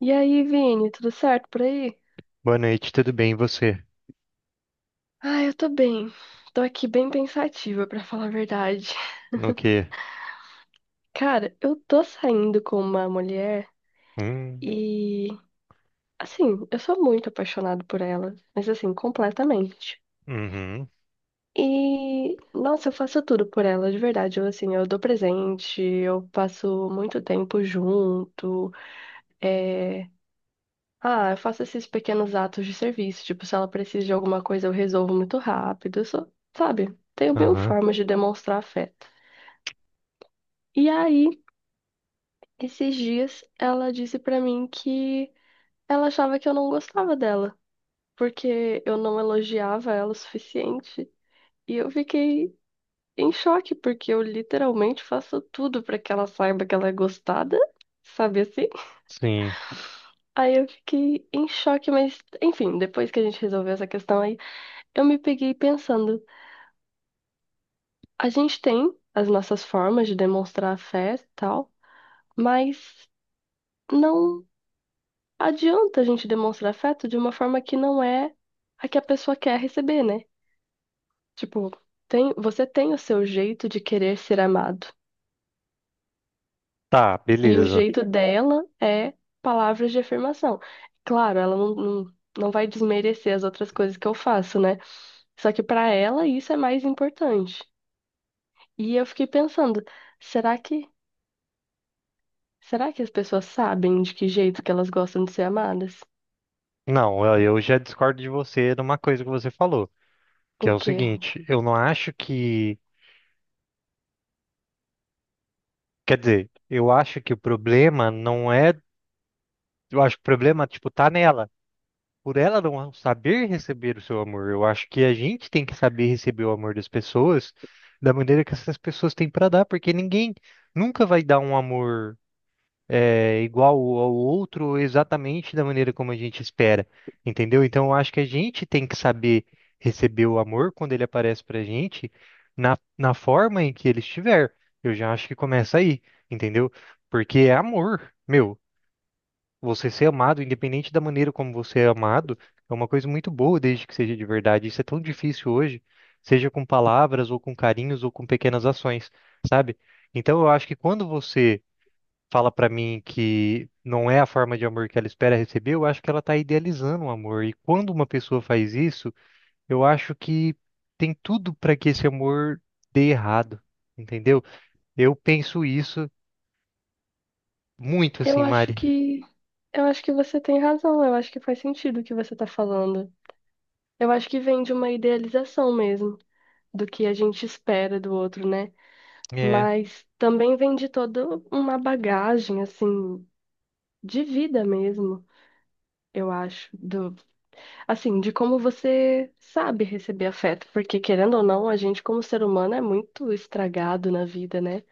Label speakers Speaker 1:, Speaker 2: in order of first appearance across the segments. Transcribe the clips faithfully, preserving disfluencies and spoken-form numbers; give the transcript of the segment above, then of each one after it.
Speaker 1: E aí, Vini, tudo certo por aí?
Speaker 2: Boa noite, tudo bem? E você?
Speaker 1: Ah, eu tô bem. Tô aqui bem pensativa, pra falar a verdade.
Speaker 2: No quê?
Speaker 1: Cara, eu tô saindo com uma mulher
Speaker 2: Hum,
Speaker 1: e, assim, eu sou muito apaixonada por ela, mas assim, completamente.
Speaker 2: uhum,
Speaker 1: E, nossa, eu faço tudo por ela, de verdade. Eu, assim, eu dou presente, eu passo muito tempo junto, é, ah, eu faço esses pequenos atos de serviço. Tipo, se ela precisa de alguma coisa, eu resolvo muito rápido. Eu sou, sabe? Tenho mil
Speaker 2: aham,
Speaker 1: formas de demonstrar afeto. E aí, esses dias, ela disse pra mim que ela achava que eu não gostava dela, porque eu não elogiava ela o suficiente. E eu fiquei em choque, porque eu literalmente faço tudo pra que ela saiba que ela é gostada, sabe assim?
Speaker 2: sim.
Speaker 1: Aí eu fiquei em choque, mas enfim, depois que a gente resolveu essa questão aí, eu me peguei pensando. A gente tem as nossas formas de demonstrar afeto e tal, mas não adianta a gente demonstrar afeto de uma forma que não é a que a pessoa quer receber, né? Tipo, tem, você tem o seu jeito de querer ser amado,
Speaker 2: Tá,
Speaker 1: e o
Speaker 2: beleza.
Speaker 1: jeito dela é palavras de afirmação. Claro, ela não, não, não vai desmerecer as outras coisas que eu faço, né? Só que pra ela isso é mais importante. E eu fiquei pensando, será que será que as pessoas sabem de que jeito que elas gostam de ser amadas?
Speaker 2: Não, eu eu já discordo de você numa coisa que você falou,
Speaker 1: O
Speaker 2: que é o
Speaker 1: quê?
Speaker 2: seguinte, eu não acho que, quer dizer, eu acho que o problema não é, eu acho que o problema, tipo, tá nela, por ela não saber receber o seu amor. Eu acho que a gente tem que saber receber o amor das pessoas da maneira que essas pessoas têm pra dar, porque ninguém nunca vai dar um amor é, igual ao outro exatamente da maneira como a gente espera, entendeu? Então, eu acho que a gente tem que saber receber o amor quando ele aparece pra gente na, na forma em que ele estiver. Eu já acho que começa aí, entendeu? Porque é amor, meu. Você ser amado, independente da maneira como você é amado, é uma coisa muito boa, desde que seja de verdade. Isso é tão difícil hoje, seja com palavras, ou com carinhos, ou com pequenas ações, sabe? Então, eu acho que quando você fala pra mim que não é a forma de amor que ela espera receber, eu acho que ela tá idealizando o amor. E quando uma pessoa faz isso, eu acho que tem tudo pra que esse amor dê errado, entendeu? Eu penso isso muito
Speaker 1: Eu
Speaker 2: assim,
Speaker 1: acho
Speaker 2: Mari.
Speaker 1: que eu acho que você tem razão, eu acho que faz sentido o que você tá falando. Eu acho que vem de uma idealização mesmo do que a gente espera do outro, né?
Speaker 2: É,
Speaker 1: Mas também vem de toda uma bagagem assim de vida mesmo, eu acho, assim, de como você sabe receber afeto, porque querendo ou não, a gente como ser humano é muito estragado na vida, né?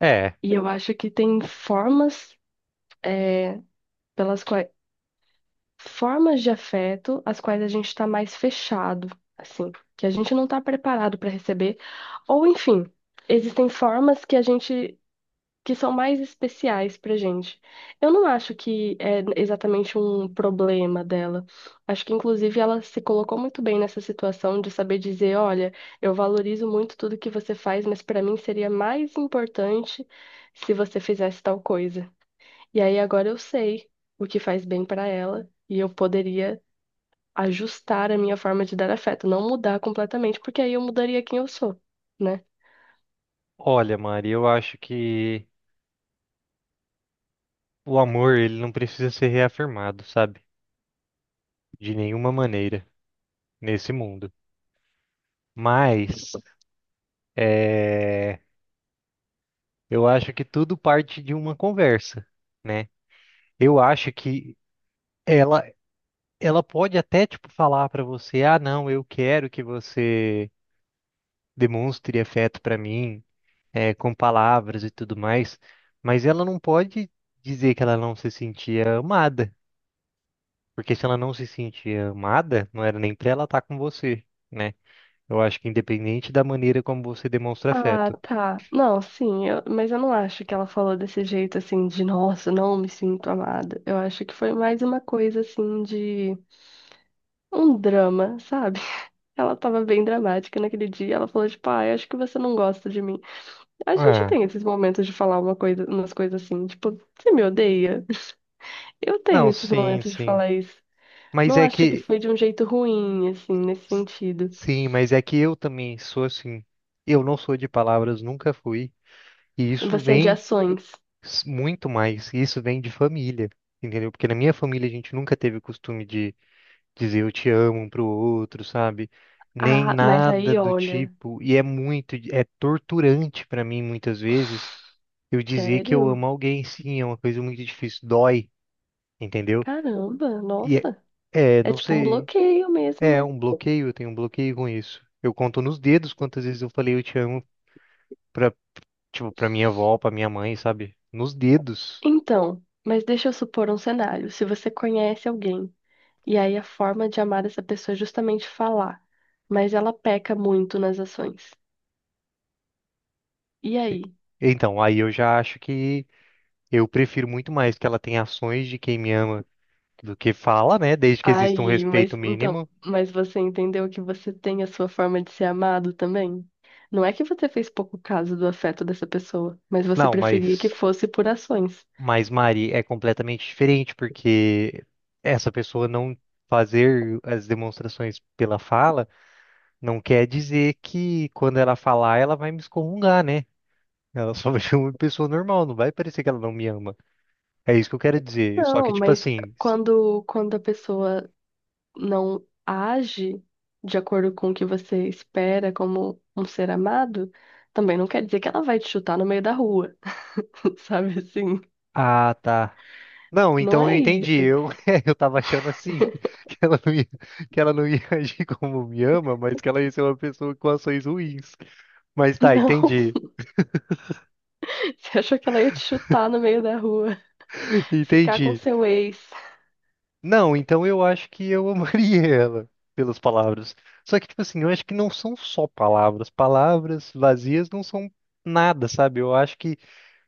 Speaker 2: é.
Speaker 1: E eu acho que tem formas, é, pelas quais, formas de afeto às quais a gente está mais fechado, assim, que a gente não está preparado para receber, ou enfim, existem formas que a gente que são mais especiais pra gente. Eu não acho que é exatamente um problema dela. Acho que, inclusive, ela se colocou muito bem nessa situação de saber dizer: olha, eu valorizo muito tudo que você faz, mas pra mim seria mais importante se você fizesse tal coisa. E aí agora eu sei o que faz bem pra ela e eu poderia ajustar a minha forma de dar afeto, não mudar completamente, porque aí eu mudaria quem eu sou, né?
Speaker 2: Olha, Mari, eu acho que o amor ele não precisa ser reafirmado, sabe? De nenhuma maneira nesse mundo. Mas é, eu acho que tudo parte de uma conversa, né? Eu acho que Ela, ela pode até tipo falar pra você, ah, não, eu quero que você demonstre afeto pra mim, é, com palavras e tudo mais, mas ela não pode dizer que ela não se sentia amada, porque se ela não se sentia amada, não era nem pra ela estar com você, né? Eu acho que independente da maneira como você demonstra
Speaker 1: Ah,
Speaker 2: afeto.
Speaker 1: tá. Não, sim, eu- mas eu não acho que ela falou desse jeito assim de nossa, não me sinto amada. Eu acho que foi mais uma coisa assim de um drama, sabe? Ela tava bem dramática naquele dia, ela falou tipo, ah, eu acho que você não gosta de mim. A gente
Speaker 2: Ah,
Speaker 1: tem esses momentos de falar uma coisa, umas coisas assim, tipo, você me odeia? Eu tenho
Speaker 2: não,
Speaker 1: esses
Speaker 2: sim,
Speaker 1: momentos de
Speaker 2: sim.
Speaker 1: falar isso.
Speaker 2: Mas
Speaker 1: Não
Speaker 2: é
Speaker 1: acho que
Speaker 2: que
Speaker 1: foi de um jeito ruim, assim, nesse sentido.
Speaker 2: sim, mas é que eu também sou assim. Eu não sou de palavras, nunca fui. E isso
Speaker 1: Você é de
Speaker 2: vem
Speaker 1: ações.
Speaker 2: s- muito mais. E isso vem de família, entendeu? Porque na minha família a gente nunca teve o costume de dizer eu te amo um pro outro, sabe? Nem
Speaker 1: Ah, mas
Speaker 2: nada
Speaker 1: aí
Speaker 2: do
Speaker 1: olha.
Speaker 2: tipo. E é muito, é torturante pra mim muitas vezes eu dizer que eu
Speaker 1: Sério?
Speaker 2: amo alguém. Sim, é uma coisa muito difícil, dói, entendeu?
Speaker 1: Caramba,
Speaker 2: E é,
Speaker 1: nossa.
Speaker 2: é,
Speaker 1: É
Speaker 2: não
Speaker 1: tipo um
Speaker 2: sei,
Speaker 1: bloqueio mesmo,
Speaker 2: é
Speaker 1: né?
Speaker 2: um bloqueio, eu tenho um bloqueio com isso. Eu conto nos dedos quantas vezes eu falei eu te amo pra, tipo, pra minha avó, pra minha mãe, sabe? Nos dedos.
Speaker 1: Então, mas deixa eu supor um cenário. Se você conhece alguém e aí a forma de amar essa pessoa é justamente falar, mas ela peca muito nas ações. E aí?
Speaker 2: Então, aí eu já acho que eu prefiro muito mais que ela tenha ações de quem me ama do que fala, né? Desde que exista um
Speaker 1: Aí,
Speaker 2: respeito
Speaker 1: mas então,
Speaker 2: mínimo.
Speaker 1: mas você entendeu que você tem a sua forma de ser amado também? Não é que você fez pouco caso do afeto dessa pessoa, mas você
Speaker 2: Não,
Speaker 1: preferia que
Speaker 2: mas,
Speaker 1: fosse por ações.
Speaker 2: mas Mari é completamente diferente, porque essa pessoa não fazer as demonstrações pela fala não quer dizer que quando ela falar, ela vai me excomungar, né? Ela só vai ser uma pessoa normal, não vai parecer que ela não me ama. É isso que eu quero dizer. Só que,
Speaker 1: Não,
Speaker 2: tipo
Speaker 1: mas
Speaker 2: assim,
Speaker 1: quando, quando a pessoa não age de acordo com o que você espera como um ser amado, também não quer dizer que ela vai te chutar no meio da rua, sabe assim?
Speaker 2: ah, tá. Não,
Speaker 1: Não
Speaker 2: então
Speaker 1: é
Speaker 2: eu entendi.
Speaker 1: isso.
Speaker 2: Eu, eu tava achando assim, que ela não ia, que ela não ia agir como me ama, mas que ela ia ser uma pessoa com ações ruins. Mas tá,
Speaker 1: Não,
Speaker 2: entendi.
Speaker 1: você achou que ela ia te chutar no meio da rua, ficar com
Speaker 2: Entendi.
Speaker 1: seu ex.
Speaker 2: Não, então eu acho que eu amaria ela pelas palavras. Só que, tipo assim, eu acho que não são só palavras. Palavras vazias não são nada, sabe? Eu acho que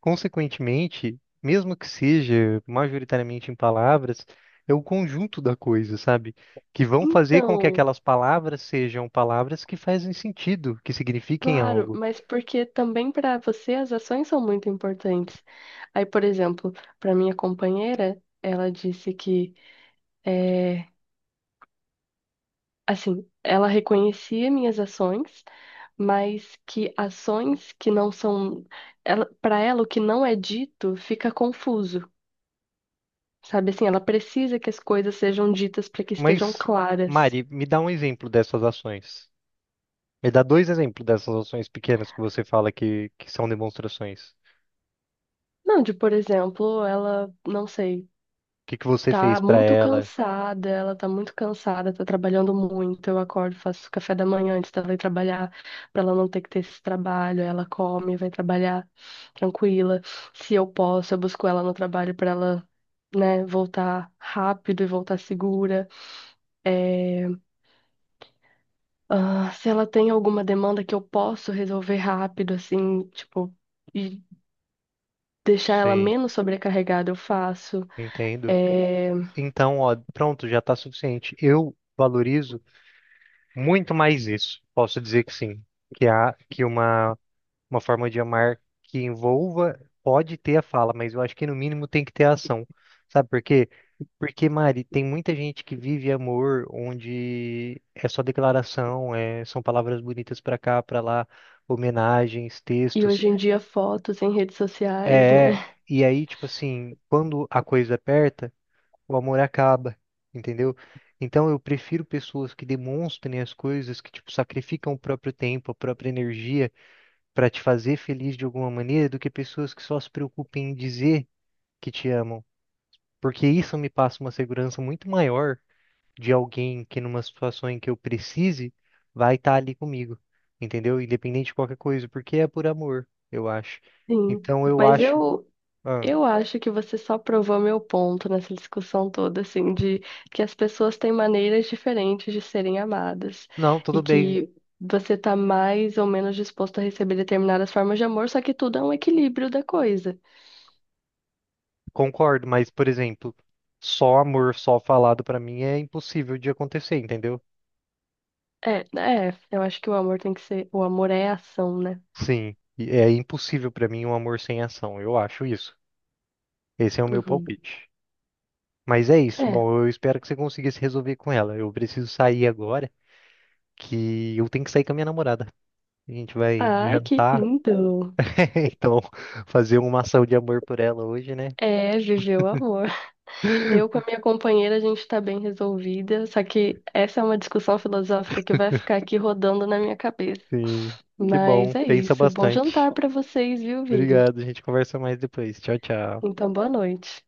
Speaker 2: consequentemente, mesmo que seja majoritariamente em palavras, é o conjunto da coisa, sabe? Que vão fazer com que
Speaker 1: Então,
Speaker 2: aquelas palavras sejam palavras que fazem sentido, que signifiquem
Speaker 1: claro,
Speaker 2: algo.
Speaker 1: mas porque também para você as ações são muito importantes. Aí, por exemplo, para minha companheira, ela disse que eh, assim, ela reconhecia minhas ações, mas que ações que não são, ela, para ela o que não é dito fica confuso, sabe? Assim, ela precisa que as coisas sejam ditas para que estejam
Speaker 2: Mas,
Speaker 1: claras.
Speaker 2: Mari, me dá um exemplo dessas ações. Me dá dois exemplos dessas ações pequenas que você fala que, que são demonstrações. O
Speaker 1: Não, de, por exemplo, ela, não sei.
Speaker 2: que que você
Speaker 1: Tá
Speaker 2: fez para
Speaker 1: muito
Speaker 2: ela?
Speaker 1: cansada, ela tá muito cansada, tá trabalhando muito. Eu acordo, faço café da manhã antes dela ir trabalhar, pra ela não ter que ter esse trabalho. Ela come, vai trabalhar tranquila. Se eu posso, eu busco ela no trabalho pra ela, né, voltar rápido e voltar segura. É, ah, se ela tem alguma demanda que eu posso resolver rápido, assim, tipo, e deixar ela
Speaker 2: Sim,
Speaker 1: menos sobrecarregada, eu faço.
Speaker 2: entendo.
Speaker 1: É.
Speaker 2: Então, ó, pronto, já tá suficiente. Eu valorizo muito mais isso. Posso dizer que sim. Que há que uma, uma forma de amar que envolva pode ter a fala, mas eu acho que no mínimo tem que ter a ação. Sabe por quê? Porque, Mari, tem muita gente que vive amor onde é só declaração, é, são palavras bonitas pra cá, pra lá, homenagens,
Speaker 1: E
Speaker 2: textos.
Speaker 1: hoje em dia, fotos em redes sociais,
Speaker 2: É,
Speaker 1: né?
Speaker 2: e aí, tipo assim, quando a coisa aperta o amor acaba, entendeu? Então eu prefiro pessoas que demonstrem as coisas, que tipo sacrificam o próprio tempo, a própria energia para te fazer feliz de alguma maneira, do que pessoas que só se preocupem em dizer que te amam, porque isso me passa uma segurança muito maior de alguém que numa situação em que eu precise vai estar ali comigo, entendeu? Independente de qualquer coisa, porque é por amor, eu acho.
Speaker 1: Sim.
Speaker 2: Então eu
Speaker 1: Mas
Speaker 2: acho,
Speaker 1: eu,
Speaker 2: ah,
Speaker 1: Eu acho que você só provou meu ponto nessa discussão toda, assim, de que as pessoas têm maneiras diferentes de serem amadas
Speaker 2: não,
Speaker 1: e
Speaker 2: tudo bem.
Speaker 1: que você tá mais ou menos disposto a receber determinadas formas de amor, só que tudo é um equilíbrio da coisa.
Speaker 2: Concordo, mas, por exemplo, só amor, só falado pra mim é impossível de acontecer, entendeu?
Speaker 1: É, é, eu acho que o amor tem que ser, o amor é ação, né?
Speaker 2: Sim, e é impossível pra mim um amor sem ação, eu acho isso. Esse é o meu
Speaker 1: Uhum.
Speaker 2: palpite. Mas é isso,
Speaker 1: É.
Speaker 2: bom, eu espero que você consiga se resolver com ela. Eu preciso sair agora, que eu tenho que sair com a minha namorada. A gente vai
Speaker 1: Ai, que
Speaker 2: jantar,
Speaker 1: lindo.
Speaker 2: então fazer uma ação de amor por ela hoje, né?
Speaker 1: É, viveu o amor. Eu com a minha companheira, a gente está bem resolvida, só que essa é uma discussão filosófica que vai ficar aqui rodando na minha cabeça.
Speaker 2: Sim, que bom,
Speaker 1: Mas é
Speaker 2: pensa
Speaker 1: isso. Bom jantar
Speaker 2: bastante.
Speaker 1: para vocês, viu, Vini?
Speaker 2: Obrigado, a gente conversa mais depois. Tchau, tchau.
Speaker 1: Então, boa noite.